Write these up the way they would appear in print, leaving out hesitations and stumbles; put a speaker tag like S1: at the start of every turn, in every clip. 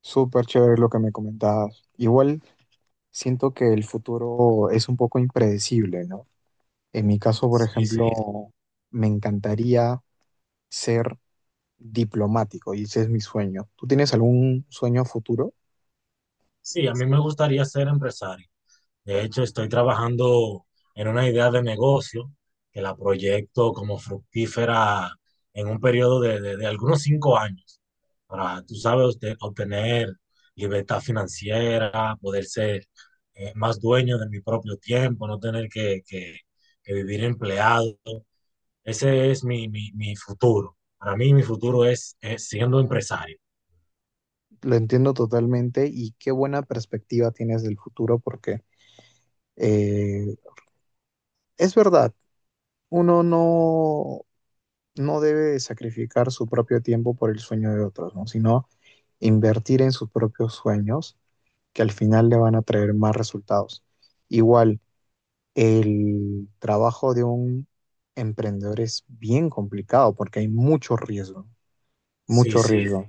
S1: Súper chévere lo que me comentabas. Igual siento que el futuro es un poco impredecible, ¿no? En mi caso, por, sí,
S2: Sí,
S1: ejemplo,
S2: sí.
S1: sí, me encantaría ser diplomático y ese es mi sueño. ¿Tú tienes algún sueño a futuro?
S2: Sí, a mí me gustaría ser empresario. De hecho, estoy trabajando en una idea de negocio que la proyecto como fructífera en un periodo de algunos cinco años para, tú sabes, obtener libertad financiera, poder ser más dueño de mi propio tiempo, no tener que vivir empleado. Ese es mi futuro. Para mí, mi futuro es siendo empresario.
S1: Lo entiendo totalmente y qué buena perspectiva tienes del futuro porque eh, es verdad, uno no, no debe sacrificar su propio tiempo por el sueño de otros, ¿no? Sino invertir en sus propios sueños que al final le van a traer más resultados. Igual, el trabajo de un emprendedor es bien complicado porque hay mucho riesgo,
S2: Sí,
S1: mucho, sí,
S2: sí.
S1: riesgo.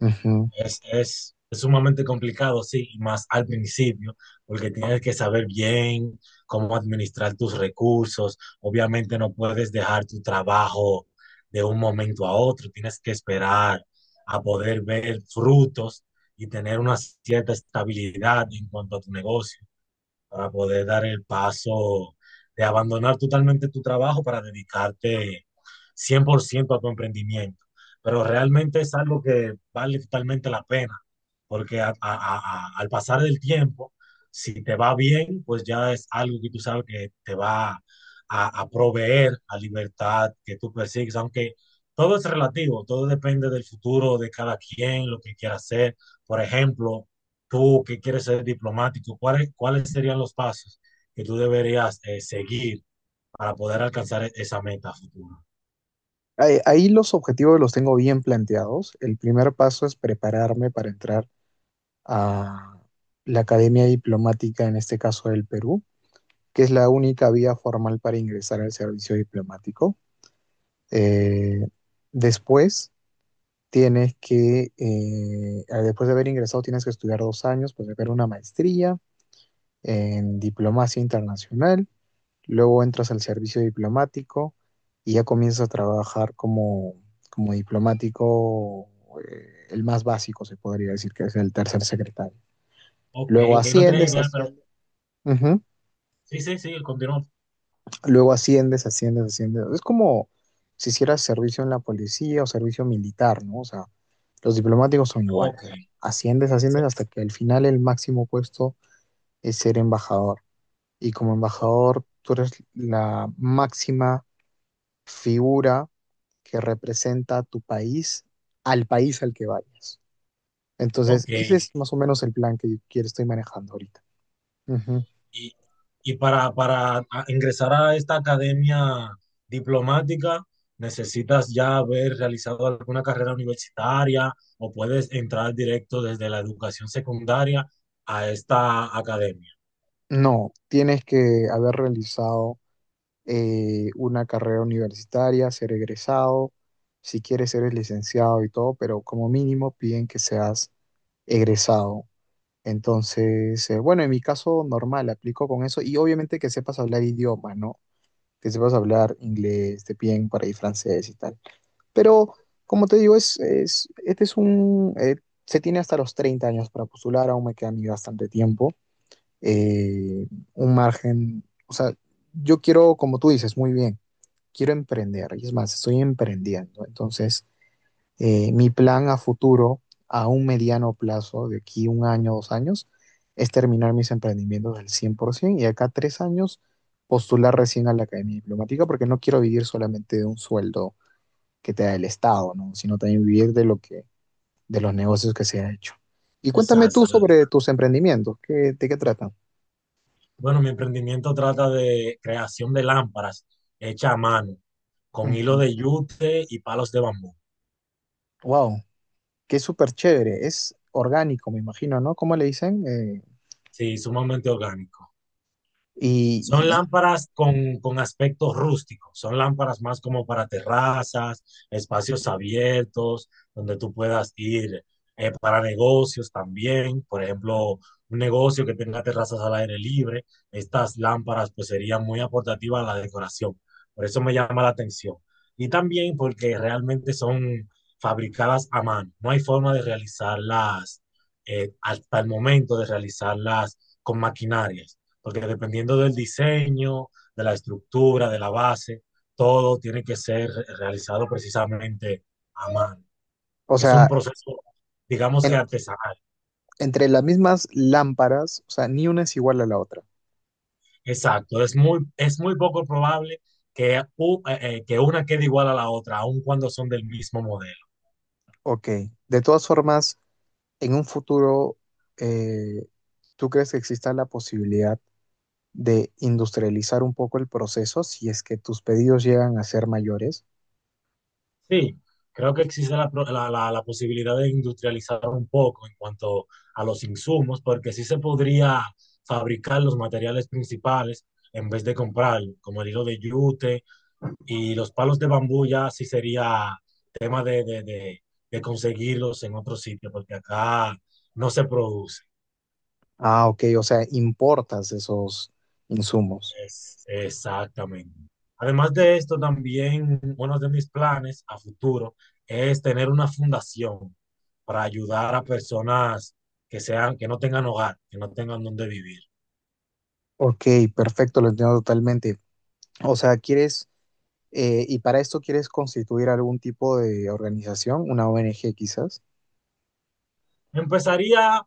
S1: Ujú.
S2: Es sumamente complicado, sí, y más al principio, porque tienes que saber bien cómo administrar tus recursos. Obviamente no puedes dejar tu trabajo de un momento a otro, tienes que esperar a poder ver frutos y tener una cierta estabilidad en cuanto a tu negocio para poder dar el paso de abandonar totalmente tu trabajo para dedicarte 100% a tu emprendimiento. Pero realmente es algo que vale totalmente la pena, porque al pasar del tiempo, si te va bien, pues ya es algo que tú sabes que te va a proveer la libertad que tú persigues, aunque todo es relativo, todo depende del futuro de cada quien, lo que quiera hacer. Por ejemplo, tú que quieres ser diplomático, ¿ cuáles serían los pasos que tú deberías seguir para poder alcanzar esa meta futura?
S1: Ahí los objetivos los tengo bien planteados. El primer paso es prepararme para entrar a la Academia Diplomática, en este caso del Perú, que es la única vía formal para ingresar al servicio diplomático. Eh, después Tienes que, después de haber ingresado, tienes que estudiar 2 años, pues hacer una maestría en diplomacia internacional, luego entras al servicio diplomático y ya comienzas a trabajar como, como diplomático, el más básico se podría decir que es el tercer secretario.
S2: Ok,
S1: Luego
S2: ok, no tenía
S1: asciendes,
S2: idea, pero
S1: asciendes.
S2: sí, sí, sí, continúa.
S1: Luego asciendes, asciendes, asciendes. Es como si hicieras servicio en la policía o servicio militar, ¿no? O sea, los diplomáticos son igual, o
S2: Ok,
S1: sea, asciendes, asciendes
S2: sí,
S1: hasta que al final el máximo puesto es ser embajador. Y como
S2: o-
S1: embajador, tú eres la máxima figura que representa a tu país al que vayas. Entonces,
S2: ok.
S1: ese es más o menos el plan que, estoy manejando ahorita. Ujú.
S2: Y, y para, para ingresar a esta academia diplomática, ¿necesitas ya haber realizado alguna carrera universitaria o puedes entrar directo desde la educación secundaria a esta academia?
S1: No, tienes que haber realizado una carrera universitaria, ser egresado, si quieres ser licenciado y todo, pero como mínimo piden que seas egresado. Entonces, bueno, en mi caso normal, aplico con eso y obviamente que sepas hablar idiomas, ¿no? Que sepas hablar inglés, te piden por ahí francés y tal. Pero, como te digo, este es un... se tiene hasta los 30 años para postular, aún me queda a mí bastante tiempo. eh, un margen, o sea, yo quiero, como tú dices, muy bien quiero emprender, y es más, estoy emprendiendo. Entonces, mi plan a futuro, a un mediano plazo, de aquí un año, 2 años, es terminar mis emprendimientos al 100% y acá 3 años postular recién a la Academia Diplomática porque no quiero vivir solamente de un sueldo que te da el Estado, ¿no? Sino también vivir de lo que, de los negocios que se ha hecho. Y cuéntame tú, exacto,
S2: Exacto.
S1: sobre tus emprendimientos, ¿qué, de qué tratan?
S2: Bueno, mi emprendimiento trata de creación de lámparas hechas a mano, con hilo
S1: Ujú.
S2: de yute y palos de bambú.
S1: Wow, qué súper chévere, es orgánico, me imagino, ¿no? ¿Cómo le dicen?
S2: Sí, sumamente orgánico. Son
S1: Y, y-
S2: lámparas con aspecto rústico, son lámparas más como para terrazas, espacios abiertos, donde tú puedas ir para negocios también, por ejemplo, un negocio que tenga terrazas al aire libre, estas lámparas pues serían muy aportativas a la decoración, por eso me llama la atención. Y también porque realmente son fabricadas a mano, no hay forma de realizarlas hasta el momento de realizarlas con maquinarias porque dependiendo del diseño, de la estructura, de la base, todo tiene que ser realizado precisamente a mano.
S1: o
S2: Es un
S1: sea,
S2: proceso, digamos que
S1: en-
S2: artesanal.
S1: entre las mismas lámparas, o sea, ni una es igual a la otra.
S2: Exacto, es muy poco probable que una quede igual a la otra, aun cuando son del mismo modelo.
S1: Ok, de todas formas, en un futuro, eh, ¿tú crees que exista la posibilidad de industrializar un poco el proceso si es que tus pedidos llegan a ser mayores?
S2: Sí, creo que existe la, pro- la- la posibilidad de industrializar un poco en cuanto a los insumos, porque sí se podría fabricar los materiales principales en vez de comprar, como el hilo de yute y los palos de bambú ya sí sería tema de conseguirlos en otro sitio, porque acá no se produce.
S1: Ah, ok, o sea, importas esos insumos.
S2: Exactamente. Además de esto, también uno de mis planes a futuro es tener una fundación para ayudar a personas que sean, que no tengan hogar, que no tengan dónde vivir.
S1: Ok, perfecto, lo entiendo totalmente. O sea, quieres, y para esto quieres constituir algún tipo de organización, una ONG quizás.
S2: Empezaría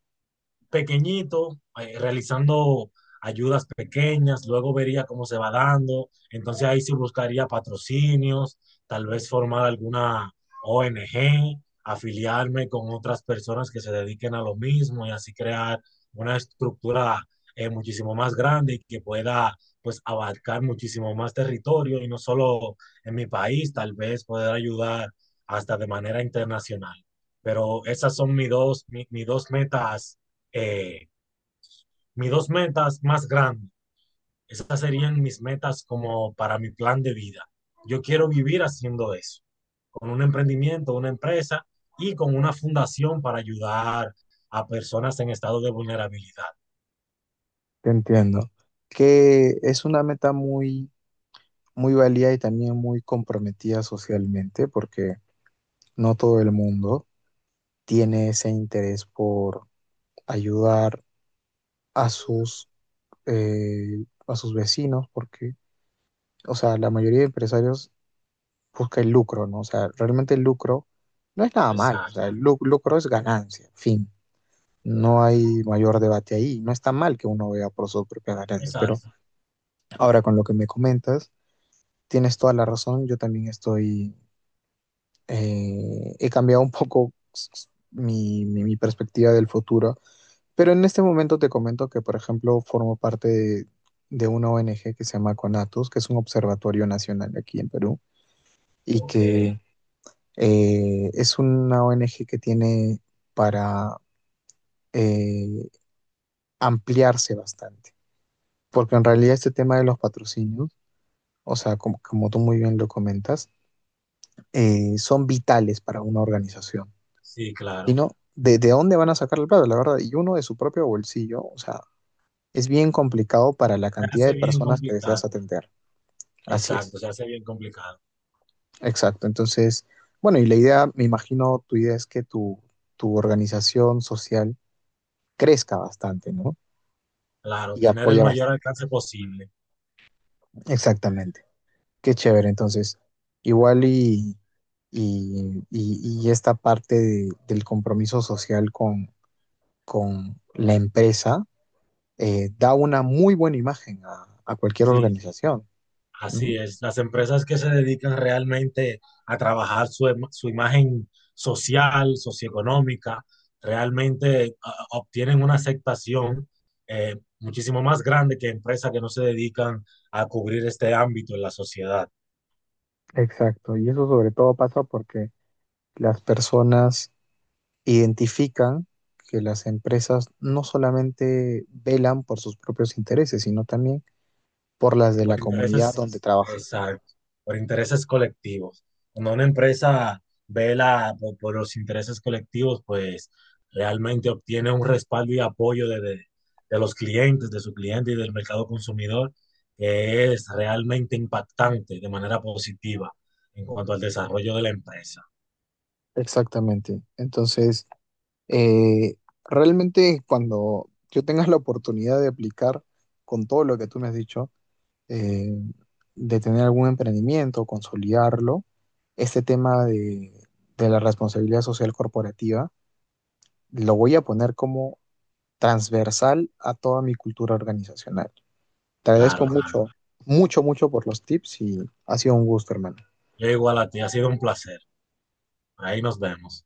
S2: pequeñito, realizando ayudas pequeñas, luego vería cómo se va dando, entonces ahí sí buscaría patrocinios, tal vez formar alguna ONG, afiliarme con otras personas que se dediquen a lo mismo y así crear una estructura muchísimo más grande y que pueda pues abarcar muchísimo más territorio y no solo en mi país, tal vez poder ayudar hasta de manera internacional. Pero esas son mis dos, eh, mis dos metas más grandes, esas serían mis metas como para mi plan de vida. Yo quiero vivir haciendo eso, con un emprendimiento, una empresa y con una fundación para ayudar a personas en estado de vulnerabilidad.
S1: Te entiendo. Que es una meta muy, muy válida y también muy comprometida socialmente, porque no todo el mundo tiene ese interés por ayudar a sus, a sus vecinos, porque, o sea, la mayoría de empresarios busca el lucro, ¿no? O sea, realmente el lucro no es nada malo, o
S2: Exacto,
S1: sea, lucro es ganancia, fin. No hay mayor debate ahí. No está mal que uno vea por sus propias ganancias, pero
S2: exacto.
S1: ahora con lo que me comentas. Tienes toda la razón, yo también estoy, he cambiado un poco mi perspectiva del futuro, pero en este momento te comento que, por ejemplo, formo parte de una ONG que se llama CONATUS, que es un observatorio nacional aquí en Perú, y
S2: Ok,
S1: que es una ONG que tiene para eh, ampliarse bastante, porque en realidad este tema de los patrocinios, o sea, como, como tú muy bien lo comentas, son vitales para una organización.
S2: sí, claro.
S1: Sino de dónde van a sacar el plata, la verdad, y uno de su propio bolsillo, o sea, es bien complicado para la
S2: Se
S1: cantidad de
S2: hace bien
S1: personas que deseas
S2: complicado.
S1: atender. Así
S2: Exacto,
S1: es,
S2: se hace bien complicado.
S1: exacto. Entonces, bueno, y la idea, me imagino, tu idea es que tu organización social crezca bastante, ¿no?
S2: Claro,
S1: Y
S2: tener el
S1: apoya
S2: mayor
S1: bastante.
S2: alcance posible.
S1: Exactamente. Qué chévere, entonces, igual y, y esta parte del compromiso social con la empresa da una muy buena imagen a cualquier
S2: Sí,
S1: organización, ¿no?
S2: así es, las empresas que se dedican realmente a trabajar su, su imagen social, socioeconómica, realmente obtienen una aceptación muchísimo más grande que empresas que no se dedican a cubrir este ámbito en la sociedad.
S1: Exacto, y eso sobre todo pasa porque las personas identifican que las empresas no solamente velan por sus propios intereses, sino también por las de la
S2: Por
S1: comunidad
S2: intereses,
S1: donde trabajan.
S2: exacto, por intereses colectivos. Cuando una empresa vela por los intereses colectivos, pues realmente obtiene un respaldo y apoyo de los clientes, de su cliente y del mercado consumidor, que es realmente impactante de manera positiva en cuanto al desarrollo de la empresa.
S1: Exactamente. Entonces, eh, realmente cuando yo tenga la oportunidad de aplicar con todo lo que tú me has dicho, eh, de tener algún emprendimiento, consolidarlo, este tema de la responsabilidad social corporativa lo voy a poner como transversal a toda mi cultura organizacional. Te
S2: Claro,
S1: agradezco
S2: claro.
S1: mucho, mucho, mucho por los tips y ha sido un gusto, hermano.
S2: Yo igual a ti, ha sido un placer. Ahí nos vemos.